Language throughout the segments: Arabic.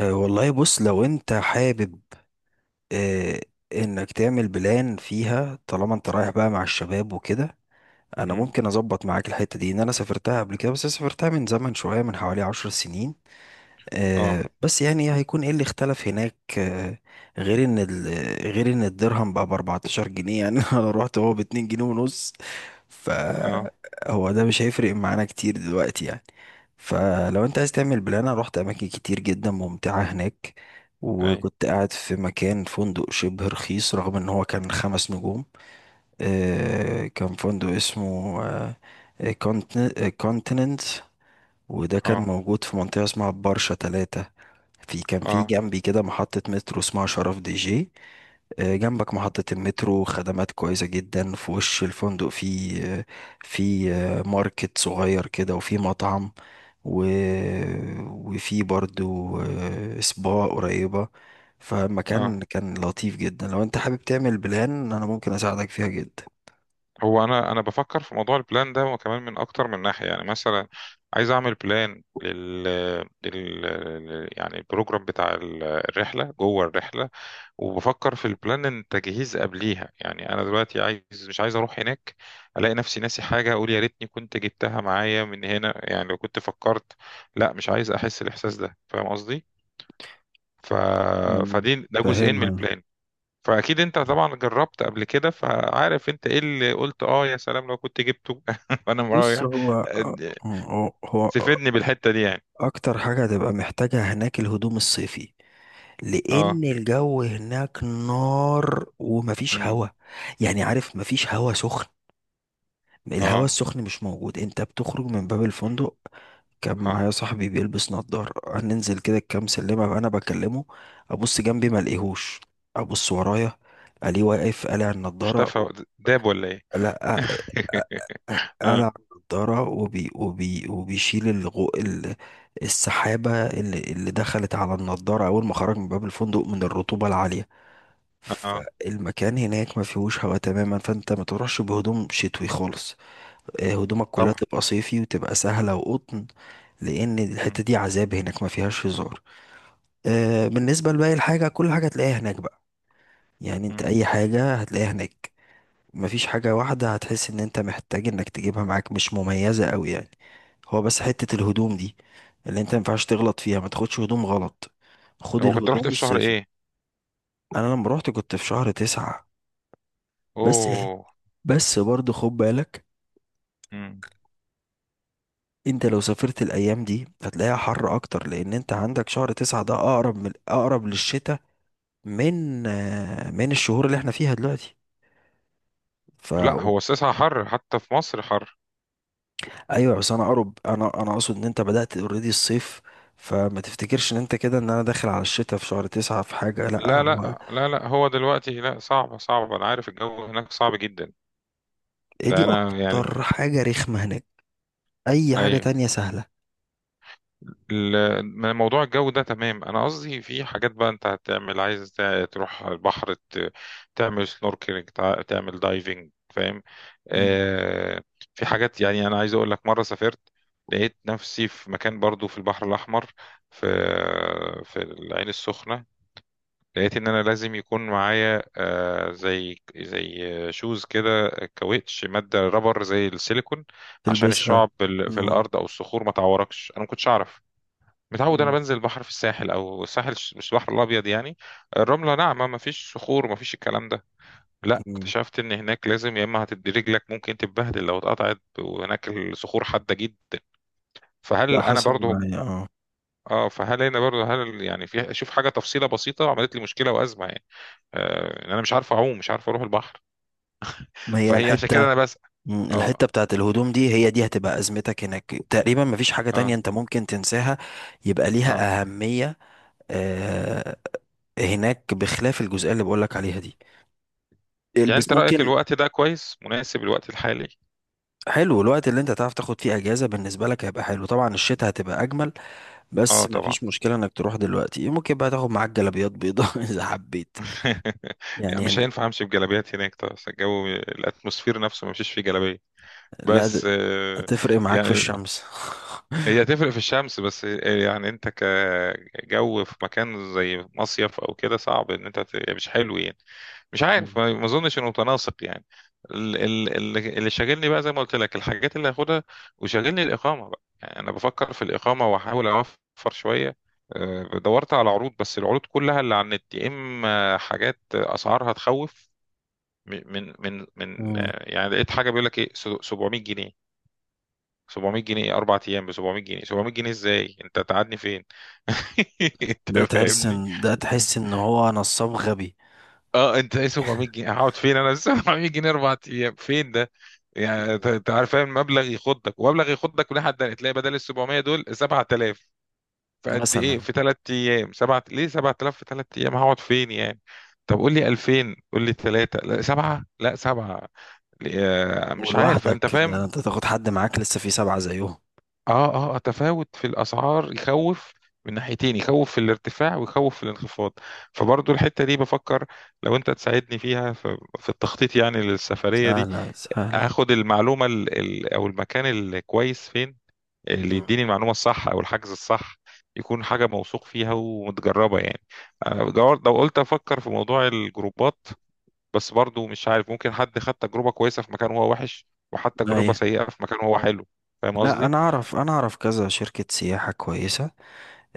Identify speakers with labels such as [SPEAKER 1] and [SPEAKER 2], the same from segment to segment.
[SPEAKER 1] والله بص، لو انت حابب أه انك تعمل بلان فيها، طالما انت رايح بقى مع الشباب وكده. انا
[SPEAKER 2] مم.
[SPEAKER 1] ممكن اظبط معاك الحتة دي، ان انا سافرتها قبل كده، بس سافرتها من زمن شوية، من حوالي 10 سنين.
[SPEAKER 2] اه،
[SPEAKER 1] بس يعني هيكون ايه اللي اختلف هناك؟ غير ان غير ان الدرهم بقى ب 14 جنيه يعني انا رحت هو ب 2 جنيه ونص.
[SPEAKER 2] اه،
[SPEAKER 1] فهو ده مش هيفرق معانا كتير دلوقتي يعني. فلو انت عايز تعمل بلان، انا رحت اماكن كتير جدا ممتعة هناك،
[SPEAKER 2] اي،
[SPEAKER 1] وكنت قاعد في مكان فندق شبه رخيص رغم ان هو كان 5 نجوم. كان فندق اسمه كونتيننت، وده كان
[SPEAKER 2] اه،
[SPEAKER 1] موجود في منطقة اسمها برشة 3. كان في
[SPEAKER 2] اه،
[SPEAKER 1] جنبي كده محطة مترو اسمها شرف دي جي. جنبك محطة المترو، خدمات كويسة جدا. في وش الفندق في ماركت صغير كده، وفي مطعم و... وفي برضو سبا قريبة.
[SPEAKER 2] اه.
[SPEAKER 1] فمكان كان لطيف جدا، لو انت حابب تعمل بلان انا ممكن اساعدك فيها جدا.
[SPEAKER 2] هو انا بفكر في موضوع البلان ده، وكمان من اكتر من ناحيه. يعني مثلا عايز اعمل بلان يعني البروجرام بتاع الرحله جوه الرحله، وبفكر في البلان التجهيز قبليها. يعني انا دلوقتي عايز، مش عايز اروح هناك الاقي نفسي ناسي حاجه، اقول يا ريتني كنت جبتها معايا من هنا يعني لو كنت فكرت. لا، مش عايز احس الاحساس ده. فاهم قصدي؟ ف...
[SPEAKER 1] مم،
[SPEAKER 2] فدي ده جزئين من
[SPEAKER 1] فاهمها.
[SPEAKER 2] البلان. فاكيد انت طبعا جربت قبل كده، فعارف انت ايه اللي قلت اه يا سلام لو كنت جبته وانا
[SPEAKER 1] بص،
[SPEAKER 2] رايح.
[SPEAKER 1] هو
[SPEAKER 2] تفيدني بالحته دي يعني.
[SPEAKER 1] اكتر حاجة هتبقى محتاجها هناك الهدوم الصيفي،
[SPEAKER 2] اه.
[SPEAKER 1] لان الجو هناك نار ومفيش
[SPEAKER 2] امم.
[SPEAKER 1] هوا. يعني عارف، مفيش هوا سخن. الهوا
[SPEAKER 2] اه.
[SPEAKER 1] السخن مش موجود. انت بتخرج من باب الفندق، كان معايا
[SPEAKER 2] اه.
[SPEAKER 1] صاحبي بيلبس نضارة، هننزل كده كام سلمة انا بكلمه، ابص جنبي ما الاقيهوش، ابص ورايا الاقيه واقف قالع النضارة.
[SPEAKER 2] اختفى، داب ولا ايه؟
[SPEAKER 1] لا،
[SPEAKER 2] اه.
[SPEAKER 1] قلع النضارة، وبيشيل السحابة اللي دخلت على النضارة أول ما خرج من باب الفندق، من الرطوبة العالية.
[SPEAKER 2] اه
[SPEAKER 1] فالمكان هناك ما فيهوش هواء تماما، فأنت ما تروحش بهدوم شتوي خالص. هدومك كلها
[SPEAKER 2] طبعا.
[SPEAKER 1] تبقى صيفي وتبقى سهلة وقطن، لأن
[SPEAKER 2] امم.
[SPEAKER 1] الحتة دي عذاب، هناك ما فيهاش هزار. بالنسبة لباقي الحاجة، كل حاجة هتلاقيها هناك بقى. يعني أنت
[SPEAKER 2] امم.
[SPEAKER 1] أي حاجة هتلاقيها هناك. مفيش حاجة واحدة هتحس ان انت محتاج انك تجيبها معاك، مش مميزة قوي يعني. هو بس حتة الهدوم دي اللي انت مينفعش تغلط فيها. ما تاخدش هدوم غلط، خد
[SPEAKER 2] هو كنت رحت
[SPEAKER 1] الهدوم
[SPEAKER 2] في شهر
[SPEAKER 1] الصيفي.
[SPEAKER 2] ايه؟
[SPEAKER 1] انا لما روحت كنت في شهر 9. بس.
[SPEAKER 2] اوه.
[SPEAKER 1] بس برضه خد بالك،
[SPEAKER 2] امم.
[SPEAKER 1] انت لو سافرت الايام دي هتلاقيها حر اكتر، لان انت عندك شهر 9 ده اقرب، من اقرب للشتاء، من من الشهور اللي احنا فيها دلوقتي. ف
[SPEAKER 2] لا، هو الساعة حر، حتى في مصر حر.
[SPEAKER 1] ايوه بس انا اقرب، انا اقصد ان انت بدأت اوريدي الصيف. فما تفتكرش ان انت كده، ان انا داخل على الشتاء في شهر 9 في حاجة، لا
[SPEAKER 2] لا،
[SPEAKER 1] هو.
[SPEAKER 2] لا، لا، لا، هو دلوقتي لا، صعبة صعبة. انا عارف الجو هناك صعب جدا.
[SPEAKER 1] إيه، دي
[SPEAKER 2] ده انا يعني.
[SPEAKER 1] اكتر حاجة رخمة هناك. اي حاجة
[SPEAKER 2] ايوه.
[SPEAKER 1] تانية سهلة.
[SPEAKER 2] من موضوع الجو ده تمام. انا قصدي في حاجات بقى انت هتعمل، عايز تروح البحر، تعمل سنوركلينج، تعمل دايفنج، فاهم؟
[SPEAKER 1] مم.
[SPEAKER 2] آه. في حاجات يعني انا عايز اقول لك، مره سافرت لقيت نفسي في مكان برضو في البحر الاحمر، في في العين السخنه. لقيت ان انا لازم يكون معايا آه زي شوز كده، كاوتش، ماده رابر زي السيليكون، عشان
[SPEAKER 1] تلبسها.
[SPEAKER 2] الشعب في
[SPEAKER 1] مم.
[SPEAKER 2] الارض او الصخور ما تعوركش. انا ما كنتش اعرف، متعود انا
[SPEAKER 1] مم.
[SPEAKER 2] بنزل البحر في الساحل، او الساحل مش البحر الابيض يعني. الرمله ناعمه، ما فيش صخور، ما فيش الكلام ده. لا،
[SPEAKER 1] مم.
[SPEAKER 2] اكتشفت ان هناك لازم، يا اما هتدي رجلك ممكن تتبهدل لو اتقطعت، وهناك الصخور حاده جدا.
[SPEAKER 1] ده
[SPEAKER 2] فهل انا
[SPEAKER 1] حصل
[SPEAKER 2] برضو
[SPEAKER 1] معايا، اه.
[SPEAKER 2] اه فهل انا برضو هل يعني في اشوف حاجه تفصيله بسيطه عملت لي مشكله وازمه يعني. آه، إن انا مش عارف اعوم، مش عارف اروح البحر.
[SPEAKER 1] ما هي
[SPEAKER 2] فهي عشان كده
[SPEAKER 1] الحتة.
[SPEAKER 2] انا بسأل.
[SPEAKER 1] مم.
[SPEAKER 2] اه.
[SPEAKER 1] الحتة بتاعت الهدوم دي هي دي هتبقى أزمتك هناك. تقريبا مفيش حاجة تانية
[SPEAKER 2] اه.
[SPEAKER 1] انت ممكن تنساها يبقى
[SPEAKER 2] اه.
[SPEAKER 1] ليها أهمية. آه، هناك، بخلاف الجزئية اللي بقولك عليها دي،
[SPEAKER 2] يعني
[SPEAKER 1] البس
[SPEAKER 2] انت رايك
[SPEAKER 1] ممكن.
[SPEAKER 2] الوقت ده كويس، مناسب الوقت الحالي؟
[SPEAKER 1] حلو، الوقت اللي انت تعرف تاخد فيه اجازه بالنسبه لك هيبقى حلو. طبعا الشتاء هتبقى اجمل،
[SPEAKER 2] اه
[SPEAKER 1] بس
[SPEAKER 2] طبعا.
[SPEAKER 1] مفيش مشكله انك تروح دلوقتي. ممكن بقى تاخد معاك جلابيات بيضاء اذا حبيت.
[SPEAKER 2] يعني
[SPEAKER 1] يعني
[SPEAKER 2] مش هينفع امشي بجلابيات هناك طبعا، الجو الاتموسفير نفسه ما مشيش فيه جلابيه.
[SPEAKER 1] لا،
[SPEAKER 2] بس
[SPEAKER 1] هتفرق معاك في
[SPEAKER 2] يعني
[SPEAKER 1] الشمس.
[SPEAKER 2] هي تفرق في الشمس، بس يعني انت كجو في مكان زي مصيف او كده صعب ان انت يعني مش حلو يعني. مش
[SPEAKER 1] مم.
[SPEAKER 2] عارف، ما اظنش انه متناسق يعني. اللي شاغلني بقى زي ما قلت لك الحاجات اللي هاخدها، وشاغلني الاقامه بقى يعني. انا بفكر في الاقامه واحاول اوفر شويه. دورت على عروض، بس العروض كلها اللي على النت يا اما حاجات اسعارها تخوف.
[SPEAKER 1] مم.
[SPEAKER 2] يعني لقيت حاجه بيقول لك ايه، 700 جنيه. 700 جنيه 4 ايام ب 700 جنيه؟ 700 جنيه ازاي انت تقعدني فين؟ انت فاهمني.
[SPEAKER 1] ده تحس ان هو نصاب غبي.
[SPEAKER 2] اه، انت ايه، 700 جنيه هقعد فين انا؟ 700 جنيه 4 ايام، فين ده؟ يعني انت،
[SPEAKER 1] مم.
[SPEAKER 2] أنت عارف، فاهم مبلغ يخضك، ومبلغ يخضك لحد ده تلاقي بدل ال 700 دول 7000. فقد ايه،
[SPEAKER 1] مثلا.
[SPEAKER 2] في 3 ايام، سبعة ليه 7000 في 3 ايام، هقعد فين يعني؟ طب قول لي 2000، قول لي 3، لا 7، لا 7، مش عارف،
[SPEAKER 1] ولوحدك
[SPEAKER 2] انت
[SPEAKER 1] ده،
[SPEAKER 2] فاهم.
[SPEAKER 1] انت تاخد حد معاك لسه في سبعه زيهم.
[SPEAKER 2] اه. اه. آه، تفاوت في الاسعار يخوف من ناحيتين، يخوف في الارتفاع ويخوف في الانخفاض. فبرضو الحتة دي بفكر لو انت تساعدني فيها في التخطيط يعني للسفرية دي.
[SPEAKER 1] سهله سهله.
[SPEAKER 2] هاخد المعلومة ال ال او المكان الكويس فين، اللي
[SPEAKER 1] مم.
[SPEAKER 2] يديني المعلومة الصح او الحجز الصح. يكون حاجة موثوق فيها ومتجربة يعني. أنا لو قلت افكر في موضوع الجروبات، بس برضو مش عارف. ممكن حد خد تجربة كويسة في مكان هو وحش، وحتى تجربة
[SPEAKER 1] ايوه.
[SPEAKER 2] سيئة في مكان هو حلو. فاهم
[SPEAKER 1] لا،
[SPEAKER 2] قصدي؟
[SPEAKER 1] انا اعرف كذا شركه سياحه كويسه.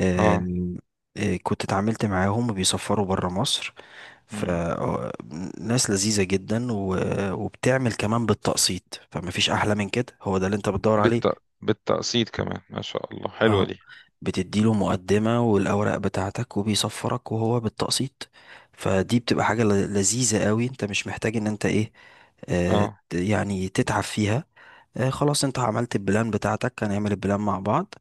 [SPEAKER 1] آم، آه، كنت اتعاملت معاهم وبيسفروا برا مصر،
[SPEAKER 2] اه.
[SPEAKER 1] فناس لذيذة جدا، وبتعمل كمان بالتقسيط، فمفيش أحلى من كده. هو ده اللي انت بتدور عليه.
[SPEAKER 2] بالت... بالتقسيط كمان ما شاء الله، حلوة
[SPEAKER 1] اه،
[SPEAKER 2] دي.
[SPEAKER 1] بتديله مقدمة والأوراق بتاعتك وبيصفرك وهو بالتقسيط. فدي بتبقى حاجة لذيذة قوي، انت مش محتاج ان انت ايه،
[SPEAKER 2] اه.
[SPEAKER 1] يعني تتعب فيها. خلاص انت عملت البلان بتاعتك، هنعمل البلان مع بعض.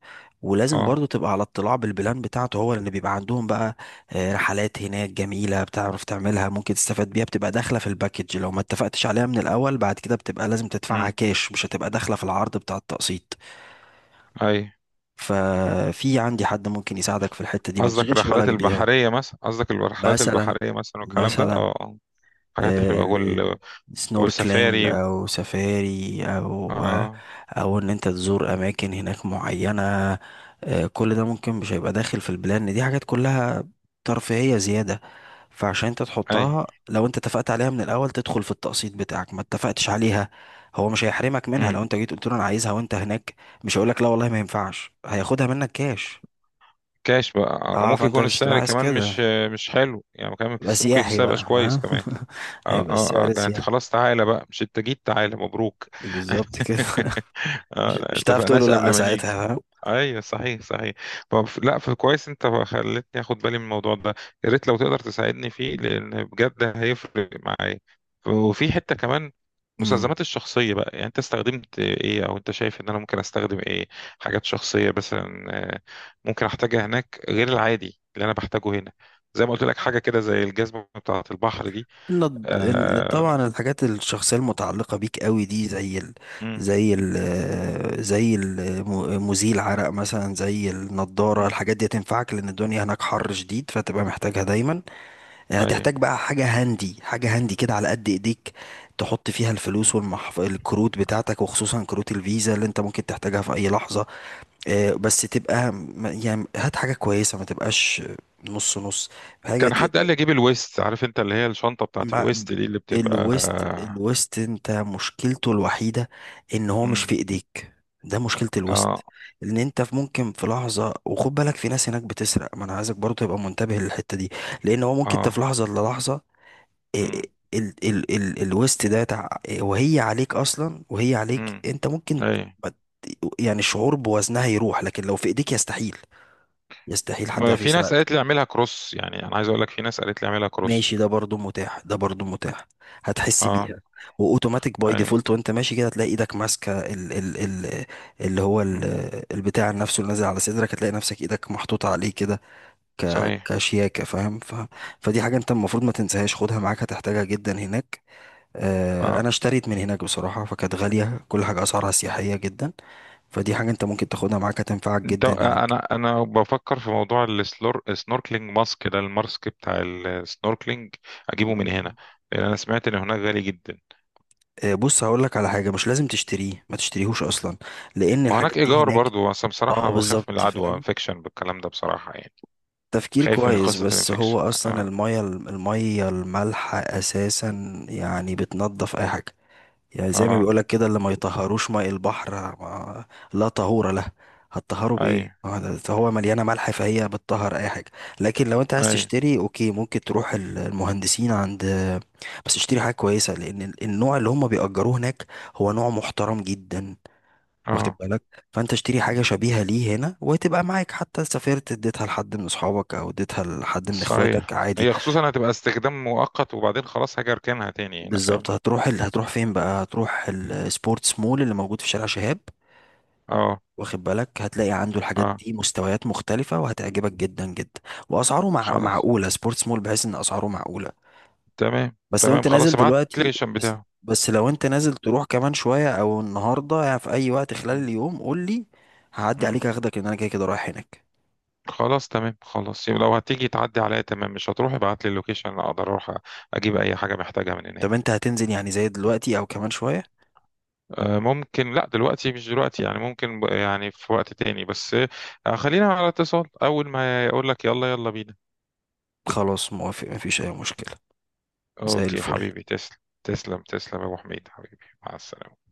[SPEAKER 1] ولازم
[SPEAKER 2] اه.
[SPEAKER 1] برضو تبقى على اطلاع بالبلان بتاعته هو، لان بيبقى عندهم بقى رحلات هناك جميلة بتعرف تعملها، ممكن تستفاد بيها، بتبقى داخلة في الباكج. لو ما اتفقتش عليها من الاول، بعد كده بتبقى لازم تدفعها
[SPEAKER 2] امم.
[SPEAKER 1] كاش، مش هتبقى داخلة في العرض بتاع التقسيط.
[SPEAKER 2] اي.
[SPEAKER 1] ففي عندي حد ممكن يساعدك في الحتة دي، ما
[SPEAKER 2] قصدك
[SPEAKER 1] تشغلش
[SPEAKER 2] الرحلات
[SPEAKER 1] بالك بيها.
[SPEAKER 2] البحرية مثلا، قصدك الرحلات
[SPEAKER 1] مثلا،
[SPEAKER 2] البحرية مثلا والكلام ده؟
[SPEAKER 1] مثلا
[SPEAKER 2] اه. آه. الحاجات دي حلوة
[SPEAKER 1] سنوركلينج
[SPEAKER 2] والسفاري.
[SPEAKER 1] او سفاري، او
[SPEAKER 2] اه.
[SPEAKER 1] او ان انت تزور اماكن هناك معينة. كل ده ممكن مش هيبقى داخل في البلان دي، حاجات كلها ترفيهية زيادة. فعشان انت
[SPEAKER 2] اي.
[SPEAKER 1] تحطها، لو انت اتفقت عليها من الاول تدخل في التقسيط بتاعك، ما اتفقتش عليها هو مش هيحرمك منها.
[SPEAKER 2] امم.
[SPEAKER 1] لو انت جيت قلت له انا عايزها وانت هناك، مش هيقولك لا والله ما ينفعش، هياخدها منك كاش.
[SPEAKER 2] كاش بقى. آه.
[SPEAKER 1] اه،
[SPEAKER 2] وممكن
[SPEAKER 1] فانت
[SPEAKER 2] يكون
[SPEAKER 1] مش تبقى
[SPEAKER 2] السعر
[SPEAKER 1] عايز
[SPEAKER 2] كمان مش
[SPEAKER 1] كده،
[SPEAKER 2] مش حلو يعني، كمان
[SPEAKER 1] يبقى
[SPEAKER 2] ممكن
[SPEAKER 1] سياحي
[SPEAKER 2] السعر مبقاش
[SPEAKER 1] بقى،
[SPEAKER 2] كويس
[SPEAKER 1] فاهم
[SPEAKER 2] كمان. اه.
[SPEAKER 1] هيبقى
[SPEAKER 2] اه. اه،
[SPEAKER 1] السعر
[SPEAKER 2] ده انت
[SPEAKER 1] سياحي،
[SPEAKER 2] خلاص، تعالى بقى، مش انت جيت، تعالى مبروك.
[SPEAKER 1] بالظبط كده
[SPEAKER 2] اه لا،
[SPEAKER 1] مش هتعرف تقول له
[SPEAKER 2] اتفقناش قبل
[SPEAKER 1] لا
[SPEAKER 2] ما نيجي.
[SPEAKER 1] ساعتها، فاهم.
[SPEAKER 2] ايوه، صحيح صحيح. طب لا، فكويس انت خلتني اخد بالي من الموضوع ده. يا ريت لو تقدر تساعدني فيه لان بجد هيفرق معايا. وفي حته كمان،
[SPEAKER 1] مم.
[SPEAKER 2] مستلزمات الشخصيه بقى يعني. انت استخدمت ايه او انت شايف ان انا ممكن استخدم ايه؟ حاجات شخصيه مثلا، آه، ممكن احتاجها هناك غير العادي اللي انا بحتاجه هنا. زي ما قلت لك حاجه كده زي الجزمه بتاعه البحر دي. آه.
[SPEAKER 1] طبعا الحاجات الشخصيه المتعلقه بيك قوي دي، زي ال...
[SPEAKER 2] امم.
[SPEAKER 1] زي ال... آه، زي المزيل عرق مثلا، زي النضاره.
[SPEAKER 2] امم.
[SPEAKER 1] الحاجات دي هتنفعك لان الدنيا هناك حر شديد، فتبقى محتاجها دايما. يعني
[SPEAKER 2] اي.
[SPEAKER 1] هتحتاج بقى حاجه هاندي، حاجه هاندي كده على قد ايديك، تحط فيها الفلوس الكروت بتاعتك، وخصوصا كروت الفيزا اللي انت ممكن تحتاجها في اي لحظه. بس تبقى يعني هات حاجة كويسة، ما تبقاش نص نص. حاجة
[SPEAKER 2] كان حد
[SPEAKER 1] تقدر
[SPEAKER 2] قال لي اجيب الويست، عارف انت اللي هي الشنطه بتاعت
[SPEAKER 1] مع
[SPEAKER 2] الويست دي اللي بتبقى.
[SPEAKER 1] الويست. الويست انت مشكلته الوحيدة ان هو مش في
[SPEAKER 2] امم.
[SPEAKER 1] ايديك. ده مشكلة الويست،
[SPEAKER 2] اه.
[SPEAKER 1] ان انت في ممكن في لحظة. وخد بالك في ناس هناك بتسرق، ما انا عايزك برضه تبقى منتبه للحتة دي. لان هو ممكن انت في
[SPEAKER 2] اه.
[SPEAKER 1] لحظة للحظة
[SPEAKER 2] امم.
[SPEAKER 1] إيه، ال ال ال الويست ده تع... إيه، وهي
[SPEAKER 2] امم.
[SPEAKER 1] عليك انت ممكن
[SPEAKER 2] اي.
[SPEAKER 1] ما ت- يعني الشعور بوزنها يروح، لكن لو في ايديك يستحيل، يستحيل حد
[SPEAKER 2] ما
[SPEAKER 1] يعرف
[SPEAKER 2] في ناس
[SPEAKER 1] يسرقك.
[SPEAKER 2] قالت لي اعملها كروس، يعني انا عايز اقول لك في ناس قالت لي اعملها كروس.
[SPEAKER 1] ماشي، ده برضو متاح، ده برضو متاح. هتحس
[SPEAKER 2] اه.
[SPEAKER 1] بيها، واوتوماتيك باي
[SPEAKER 2] اي.
[SPEAKER 1] ديفولت وانت ماشي كده هتلاقي ايدك ماسكه ال ال ال اللي هو ال
[SPEAKER 2] امم.
[SPEAKER 1] البتاع نفسه اللي نازل على صدرك. هتلاقي نفسك ايدك محطوطه عليه كده،
[SPEAKER 2] صحيح.
[SPEAKER 1] كشياكه، فاهم. فدي حاجه انت المفروض ما تنساهاش، خدها معاك هتحتاجها جدا هناك. آه،
[SPEAKER 2] اه.
[SPEAKER 1] انا اشتريت من هناك بصراحه، فكانت غاليه، كل حاجه اسعارها
[SPEAKER 2] مم.
[SPEAKER 1] سياحيه جدا. فدي حاجه انت ممكن تاخدها معاك هتنفعك
[SPEAKER 2] ده
[SPEAKER 1] جدا.
[SPEAKER 2] انا بفكر في موضوع السنوركلينج ماسك، ده الماسك بتاع السنوركلينج، اجيبه
[SPEAKER 1] هناك
[SPEAKER 2] من هنا لان انا سمعت ان هناك غالي جدا.
[SPEAKER 1] بص، هقول لك على حاجه مش لازم تشتريه، ما تشتريهوش اصلا، لان
[SPEAKER 2] ما هناك
[SPEAKER 1] الحاجات دي
[SPEAKER 2] ايجار
[SPEAKER 1] هناك.
[SPEAKER 2] برضو، بس أنا
[SPEAKER 1] اه،
[SPEAKER 2] بصراحه بخاف من
[SPEAKER 1] بالظبط
[SPEAKER 2] العدوى،
[SPEAKER 1] فاهم.
[SPEAKER 2] انفكشن بالكلام ده بصراحه يعني.
[SPEAKER 1] تفكير
[SPEAKER 2] خايف من
[SPEAKER 1] كويس،
[SPEAKER 2] قصه
[SPEAKER 1] بس هو
[SPEAKER 2] الانفكشن.
[SPEAKER 1] اصلا
[SPEAKER 2] اه.
[SPEAKER 1] الميه، المالحه اساسا يعني بتنضف اي حاجه. يعني زي ما
[SPEAKER 2] اه.
[SPEAKER 1] بيقولك كده، اللي ما يطهروش ماء البحر، ما لا طهور له، هتطهروا
[SPEAKER 2] اي.
[SPEAKER 1] بايه، ما ده- ده هو مليانه ملح، فهي بتطهر اي حاجه. لكن لو انت عايز
[SPEAKER 2] اي.
[SPEAKER 1] تشتري اوكي، ممكن تروح المهندسين عند. بس اشتري حاجه كويسه، لان النوع اللي هم بيأجروه هناك هو نوع محترم جدا، واخد
[SPEAKER 2] اه.
[SPEAKER 1] بالك. فانت اشتري
[SPEAKER 2] مم.
[SPEAKER 1] حاجه شبيهه ليه هنا، وهتبقى معاك حتى سافرت، اديتها لحد من اصحابك او اديتها لحد من
[SPEAKER 2] صحيح،
[SPEAKER 1] اخواتك عادي.
[SPEAKER 2] هي خصوصا هتبقى استخدام مؤقت وبعدين خلاص هاجي اركنها تاني هنا،
[SPEAKER 1] بالظبط.
[SPEAKER 2] فاهمني.
[SPEAKER 1] هتروح هتروح فين بقى؟ هتروح السبورتس مول اللي موجود في شارع شهاب،
[SPEAKER 2] اه.
[SPEAKER 1] واخد بالك، هتلاقي عنده الحاجات
[SPEAKER 2] اه.
[SPEAKER 1] دي مستويات مختلفه، وهتعجبك جدا جدا. واسعاره
[SPEAKER 2] خلاص،
[SPEAKER 1] معقوله، سبورتس مول، بحيث ان اسعاره معقوله.
[SPEAKER 2] تمام
[SPEAKER 1] بس لو
[SPEAKER 2] تمام،
[SPEAKER 1] انت نازل
[SPEAKER 2] خلاص ابعت لي
[SPEAKER 1] دلوقتي،
[SPEAKER 2] اللوكيشن
[SPEAKER 1] بس
[SPEAKER 2] بتاعه.
[SPEAKER 1] بس لو انت نازل تروح كمان شويه او النهارده، يعني في اي وقت خلال
[SPEAKER 2] مم.
[SPEAKER 1] اليوم قول لي، هعدي
[SPEAKER 2] مم.
[SPEAKER 1] عليك اخدك، لان انا كده كده رايح هناك.
[SPEAKER 2] خلاص تمام، خلاص يبقى لو هتيجي تعدي عليا تمام، مش هتروح ابعت لي اللوكيشن اقدر اروح اجيب اي حاجه محتاجها من
[SPEAKER 1] طب
[SPEAKER 2] هناك.
[SPEAKER 1] انت هتنزل يعني زي دلوقتي او كمان شوية؟
[SPEAKER 2] ممكن، لا دلوقتي، مش دلوقتي يعني، ممكن يعني في وقت تاني. بس خلينا على اتصال، أول ما يقول لك يلا يلا بينا.
[SPEAKER 1] خلاص موافق، مفيش اي مشكلة. زي
[SPEAKER 2] أوكي
[SPEAKER 1] الفل.
[SPEAKER 2] حبيبي، تسلم. تسلم تسلم يا أبو حميد، حبيبي، مع السلامة.